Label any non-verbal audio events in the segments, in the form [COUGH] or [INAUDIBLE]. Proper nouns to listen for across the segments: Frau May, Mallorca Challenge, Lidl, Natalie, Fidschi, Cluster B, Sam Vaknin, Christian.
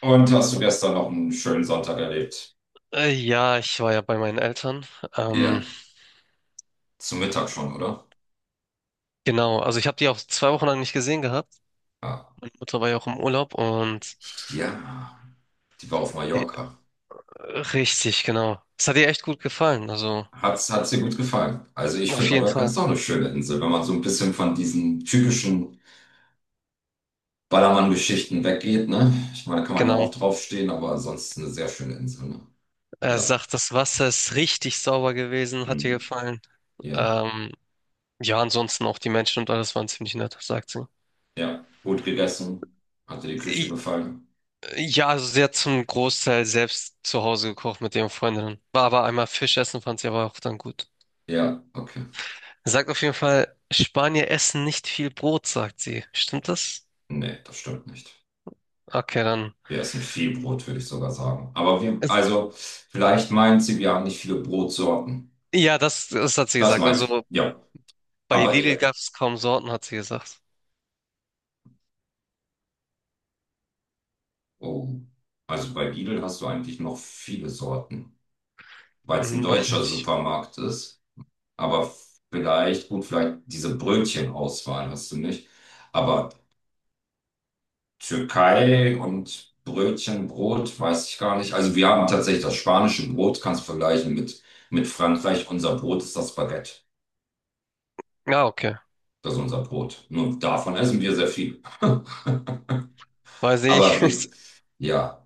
Und hast du gestern noch einen schönen Sonntag erlebt? Ja, ich war ja bei meinen Eltern. Ähm, Ja, zum Mittag schon, oder? genau, also ich habe die auch 2 Wochen lang nicht gesehen gehabt. Ah, Mutter war ja auch im Urlaub und ja, die war auf äh, Mallorca. richtig, genau. Es hat ihr echt gut gefallen, also Hat's dir gut gefallen? Also ich finde, auf jeden Mallorca Fall. ist doch eine schöne Insel, wenn man so ein bisschen von diesen typischen Ballermann-Geschichten weggeht, ne? Ich meine, da kann man ja Genau. auch draufstehen, aber ansonsten eine sehr schöne Insel, ne? Er Ja, sagt, das Wasser ist richtig sauber gewesen, hat ihr mhm. gefallen. Ja, Ähm, ja, ansonsten auch die Menschen und alles waren ziemlich nett, sagt sie. ja. Gut gegessen. Hat dir die Küche I- gefallen? Ja, also sie hat zum Großteil selbst zu Hause gekocht mit ihren Freundinnen. War aber einmal Fisch essen, fand sie aber auch dann gut. Ja, okay. Sagt auf jeden Fall, Spanier essen nicht viel Brot, sagt sie. Stimmt das? Nee, das stimmt nicht. Okay, dann. Wir essen viel Brot, würde ich sogar sagen. Aber wir, Es- also, vielleicht meint sie, wir haben nicht viele Brotsorten. Ja, das hat sie Das gesagt. meint sie, Also ja. bei Aber, Lidl gab es kaum Sorten, hat sie gesagt. oh, also bei Lidl hast du eigentlich noch viele Sorten, weil es ein Dann weiß ich deutscher nicht. Supermarkt ist. Aber vielleicht, gut, vielleicht diese Brötchenauswahl hast du nicht. Aber Türkei und Brötchen, Brot, weiß ich gar nicht. Also, wir haben tatsächlich das spanische Brot, kannst du vergleichen mit Frankreich. Unser Brot ist das Baguette. Ja, okay. Das ist unser Brot. Nur davon essen wir sehr viel. Weiß [LAUGHS] Aber ich. wir, [LAUGHS] ja,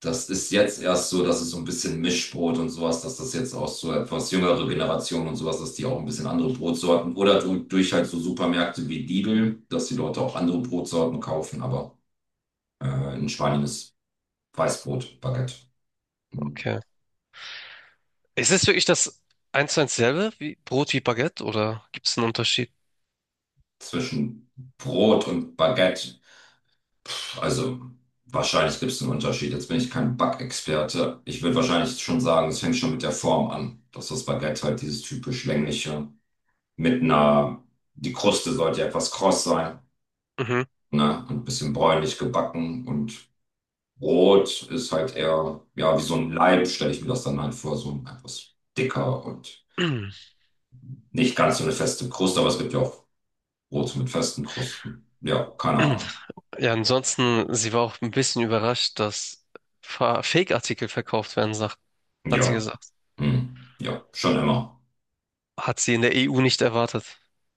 das ist jetzt erst so, dass es so ein bisschen Mischbrot und sowas, dass das jetzt auch so etwas jüngere Generationen und sowas, dass die auch ein bisschen andere Brotsorten oder durch halt so Supermärkte wie Lidl, dass die Leute auch andere Brotsorten kaufen. Aber in Spanien ist Weißbrot, Baguette. Hm. Okay. Ist es wirklich das eins zu eins selbe wie Brot wie Baguette oder gibt es einen Unterschied? Zwischen Brot und Baguette. Also wahrscheinlich gibt es einen Unterschied. Jetzt bin ich kein Backexperte. Ich würde wahrscheinlich schon sagen, es fängt schon mit der Form an. Dass das Baguette halt dieses typisch längliche mit einer, die Kruste sollte ja etwas kross sein, Mhm. ne? Und ein bisschen bräunlich gebacken und Brot ist halt eher, ja, wie so ein Leib, stelle ich mir das dann halt vor, so ein etwas dicker und nicht ganz so eine feste Kruste, aber es gibt ja auch Brote mit festen Krusten. Ja, keine Ahnung. [CLEARS THROAT] Ja, ansonsten, sie war auch ein bisschen überrascht, dass Fake-Artikel verkauft werden, sagt, hat sie Ja, gesagt. hm. Ja, schon immer. Hat sie in der EU nicht erwartet,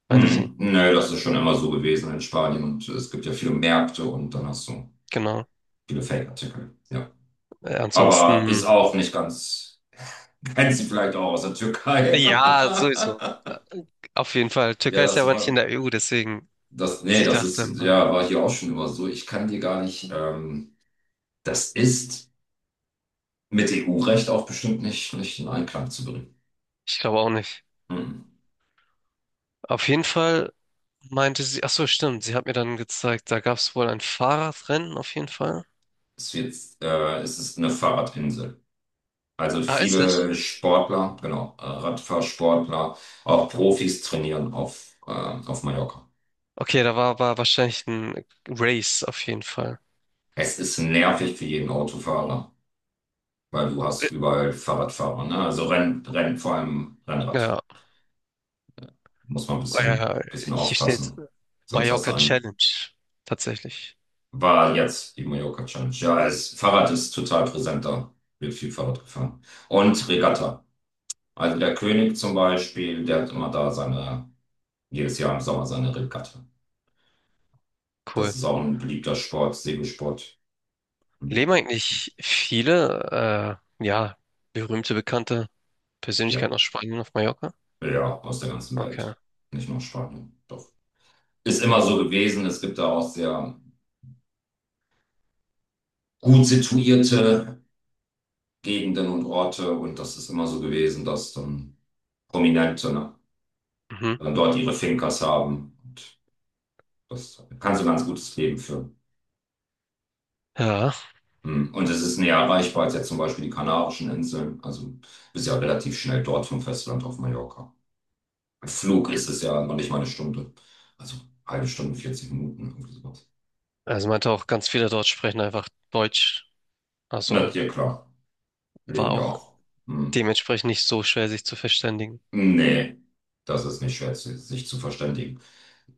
meinte sie. Hm, nö, das ist schon immer so gewesen in Spanien und es gibt ja viele Märkte und dann hast du Genau. viele Fake-Artikel. Ja. Aber ist Ansonsten, auch nicht ganz, [LAUGHS] kennst du vielleicht auch aus der Türkei. ja, sowieso. [LAUGHS] Auf jeden Fall. Ja, Türkei ist ja das aber nicht in war, der EU, deswegen, das, nee, sie das ist, dachte mal. ja, war hier auch schon immer so. Ich kann dir gar nicht, das ist mit EU-Recht auch bestimmt nicht in Einklang zu bringen. Ich glaube auch nicht. Hm. Auf jeden Fall meinte sie, ach so, stimmt, sie hat mir dann gezeigt, da gab es wohl ein Fahrradrennen auf jeden Fall. Es wird, es ist eine Fahrradinsel. Also Ah, ist es? viele Sportler, genau, Radfahrsportler, auch Profis trainieren auf Mallorca. Okay, da war aber wahrscheinlich ein Race auf jeden Fall. Es ist nervig für jeden Autofahrer, weil du hast überall Fahrradfahrer, ne? Also vor allem Rennrad. Ja, Muss man ein bisschen, äh, bisschen hier steht aufpassen. Sonst was Mallorca sein. Challenge. Tatsächlich. War jetzt die Mallorca Challenge. Ja, es, Fahrrad ist total präsent da. Wird viel Fahrrad gefahren. Und Regatta. Also der König zum Beispiel, der hat immer da seine, jedes Jahr im Sommer seine Regatta. Das Cool. ist auch ein beliebter Sport, Segelsport. Leben eigentlich viele, ja, berühmte, bekannte Persönlichkeit Ja, aus Spanien auf Mallorca? ja, aus der ganzen Okay. Welt. Nicht nur aus Spanien. Doch. Ist immer so gewesen. Es gibt da auch sehr gut situierte Gegenden und Orte. Und das ist immer so gewesen, dass dann Prominente, ne, Mhm. dann dort ihre Fincas haben. Und das kann so ein ganz gutes Leben führen. Ja, Hm. Und es ist näher erreichbar als jetzt zum Beispiel die Kanarischen Inseln. Also bist ja relativ schnell dort vom Festland auf Mallorca. Flug ist es ja noch nicht mal eine Stunde. Also halbe Stunde, 40 Minuten, irgendwie sowas. also meinte auch, ganz viele dort sprechen einfach Deutsch. Na, Also ja, klar. war Leben ja auch auch. Hm. dementsprechend nicht so schwer, sich zu verständigen. Nee, das ist nicht schwer, sich zu verständigen.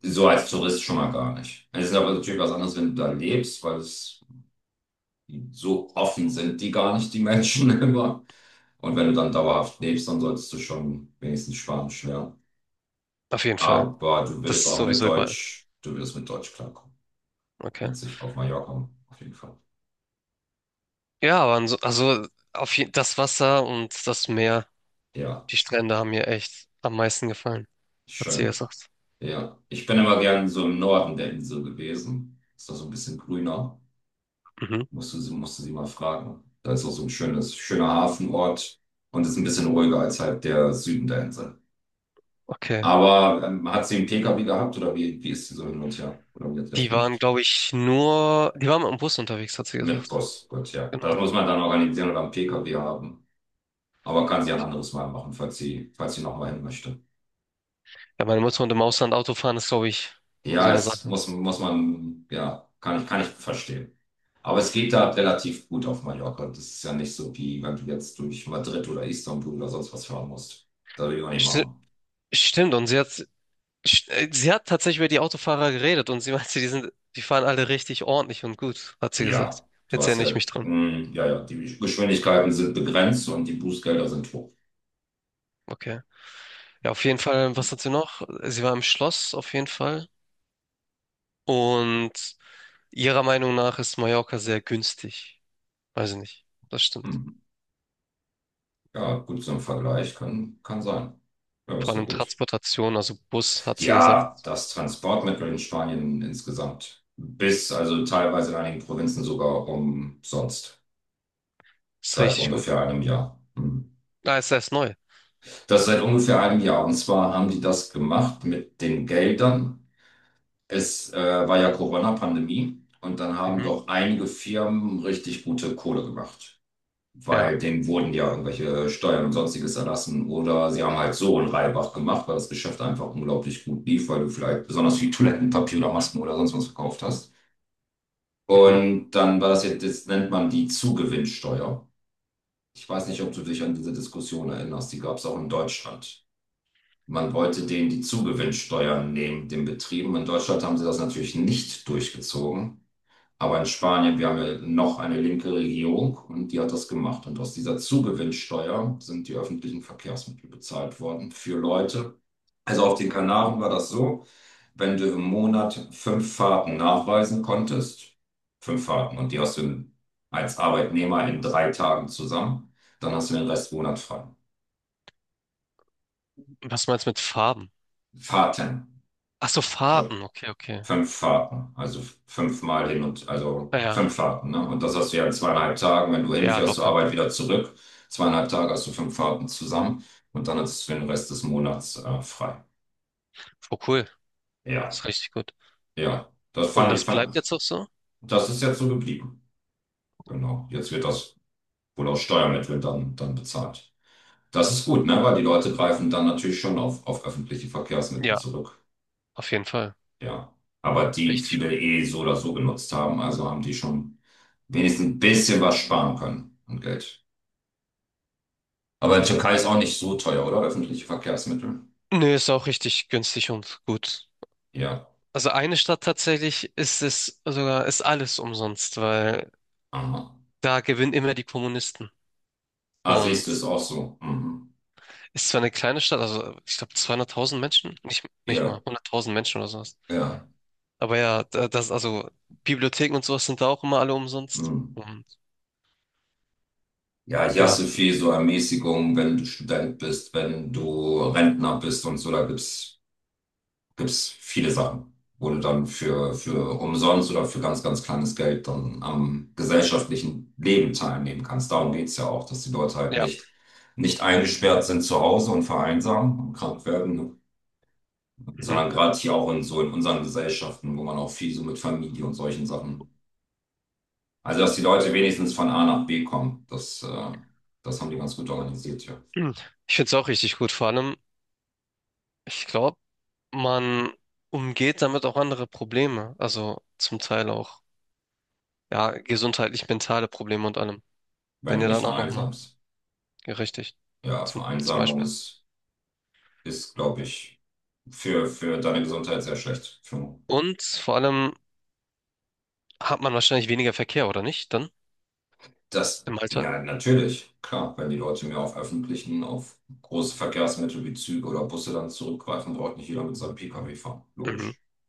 So als Tourist schon mal gar nicht. Es ist aber natürlich was anderes, wenn du da lebst, weil es so offen sind die gar nicht, die Menschen [LAUGHS] immer. Und wenn du dann dauerhaft lebst, dann solltest du schon wenigstens Spanisch lernen. Auf jeden Fall. Aber du Das würdest ist auch mit sowieso überall. Deutsch, du würdest mit Deutsch klarkommen. Okay. Mit sich auf Mallorca, auf jeden Fall. Ja, aber also auf je das Wasser und das Meer, Ja, die Strände haben mir echt am meisten gefallen, hat sie schön. gesagt. Ja, ich bin immer gern so im Norden der Insel gewesen. Ist da so ein bisschen grüner. Mhm. Musste sie mal fragen. Da ist auch so ein schönes, schöner Hafenort und ist ein bisschen ruhiger als halt der Süden der Insel. Okay. Aber hat sie einen PKW gehabt oder wie ist sie so hin und her? Oder wie hat sie das Die waren, gemacht? glaube ich, nur, die waren im Bus unterwegs, hat sie Mit gesagt. Bus, gut, ja. Das Genau. muss man dann organisieren oder einen PKW haben. Aber kann sie ein anderes Mal machen, falls sie nochmal hin möchte. Ja, meine Mutter und im Ausland Auto fahren ist, glaube ich, so Ja, eine es Sache. muss man, ja, kann ich verstehen. Aber es geht da relativ gut auf Mallorca. Das ist ja nicht so, wie wenn du jetzt durch Madrid oder Istanbul oder sonst was fahren musst. Das will ich auch nicht St machen. Stimmt, und sie hat tatsächlich über die Autofahrer geredet und sie meinte, die sind, die fahren alle richtig ordentlich und gut, hat sie gesagt. Ja, du Jetzt hast erinnere ich ja, mich dran. Ja, ja, die Geschwindigkeiten sind begrenzt und die Bußgelder sind hoch. Okay. Ja, auf jeden Fall, was hat sie noch? Sie war im Schloss, auf jeden Fall. Und ihrer Meinung nach ist Mallorca sehr günstig. Weiß ich nicht. Das stimmt. Hm. Ja, gut, so ein Vergleich kann sein. Ja, Vor ist doch allem gut. Transportation, also Bus, hat sie gesagt, Ja, das Transportmittel in Spanien insgesamt bis, also teilweise in einigen Provinzen sogar umsonst. ist Seit richtig gut. ungefähr einem Jahr. Hm. Ah, ist erst neu. Das seit ungefähr einem Jahr. Und zwar haben die das gemacht mit den Geldern. Es war ja Corona-Pandemie und dann haben Mhm. doch einige Firmen richtig gute Kohle gemacht, Ja. weil denen wurden ja irgendwelche Steuern und sonstiges erlassen oder sie haben halt so einen Reibach gemacht, weil das Geschäft einfach unglaublich gut lief, weil du vielleicht besonders viel Toilettenpapier oder Masken oder sonst was verkauft hast. Mhm. Und dann war das jetzt, das nennt man die Zugewinnsteuer. Ich weiß nicht, ob du dich an diese Diskussion erinnerst, die gab es auch in Deutschland. Man wollte denen die Zugewinnsteuern nehmen, den Betrieben. In Deutschland haben sie das natürlich nicht durchgezogen. Aber in Spanien, wir haben ja noch eine linke Regierung und die hat das gemacht. Und aus dieser Zugewinnsteuer sind die öffentlichen Verkehrsmittel bezahlt worden für Leute. Also auf den Kanaren war das so, wenn du im Monat fünf Fahrten nachweisen konntest, fünf Fahrten und die hast du in, als Arbeitnehmer in drei Tagen zusammen, dann hast du den Rest Monat frei. Was meinst du mit Farben? Fahrten. Ach so, Entschuldigung. Fahrten. Okay, okay. Fünf Fahrten, also fünfmal hin und also Ah ja. fünf Fahrten, ne? Und das hast du ja in zweieinhalb Tagen, wenn du Ja, hinfährst zur locker. Arbeit wieder zurück. Zweieinhalb Tage hast du fünf Fahrten zusammen und dann hast du den Rest des Monats frei. Oh, cool. Ist Ja, richtig gut. ja, das Und fand ich, das bleibt fand, jetzt auch so? das ist jetzt so geblieben. Genau, jetzt wird das wohl aus Steuermitteln dann bezahlt. Das ist gut, ne? Weil die Leute greifen dann natürlich schon auf öffentliche Verkehrsmittel Ja, zurück. auf jeden Fall. Ja, aber die Richtig viele gut. eh so oder so genutzt haben, also haben die schon, wenigstens ein bisschen was sparen können an Geld. Aber in Türkei ist auch nicht so teuer, oder? Öffentliche Verkehrsmittel. Nö, ist auch richtig günstig und gut. Ja. Also eine Stadt tatsächlich ist es sogar, ist alles umsonst, weil Aha. da gewinnen immer die Kommunisten. Ah, siehst Und du, ist auch so. Mhm. ist zwar eine kleine Stadt, also ich glaube 200.000 Menschen, nicht, nicht Ja, mal 100.000 Menschen oder sowas. ja. Aber ja, das, also Bibliotheken und sowas sind da auch immer alle umsonst. Mhm. Und Ja, hier hast ja, du viel so Ermäßigung, wenn du Student bist, wenn du Rentner bist und so, da gibt es viele Sachen, wo du dann für umsonst oder für ganz, ganz kleines Geld dann am gesellschaftlichen Leben teilnehmen kannst. Darum geht's ja auch, dass die Leute halt ja. nicht, nicht eingesperrt sind zu Hause und vereinsamen und krank werden, ne? Mhm. Sondern gerade hier auch in so in unseren Gesellschaften, wo man auch viel so mit Familie und solchen Sachen. Also, dass die Leute wenigstens von A nach B kommen, das haben die ganz gut organisiert, ja. Ich finde es auch richtig gut. Vor allem, ich glaube, man umgeht damit auch andere Probleme. Also zum Teil auch, ja, gesundheitlich mentale Probleme und allem. Wenn Wenn du ihr nicht dann auch nochmal, vereinsamst. ja, richtig, Ja, zum Vereinsamung Beispiel. ist, glaube ich, für deine Gesundheit sehr schlecht. Für Und vor allem hat man wahrscheinlich weniger Verkehr, oder nicht? Dann das, im Alltag? ja, natürlich, klar, wenn die Leute mehr auf öffentlichen, auf große Verkehrsmittel wie Züge oder Busse dann zurückgreifen, braucht nicht jeder mit seinem PKW fahren. Logisch. Mhm.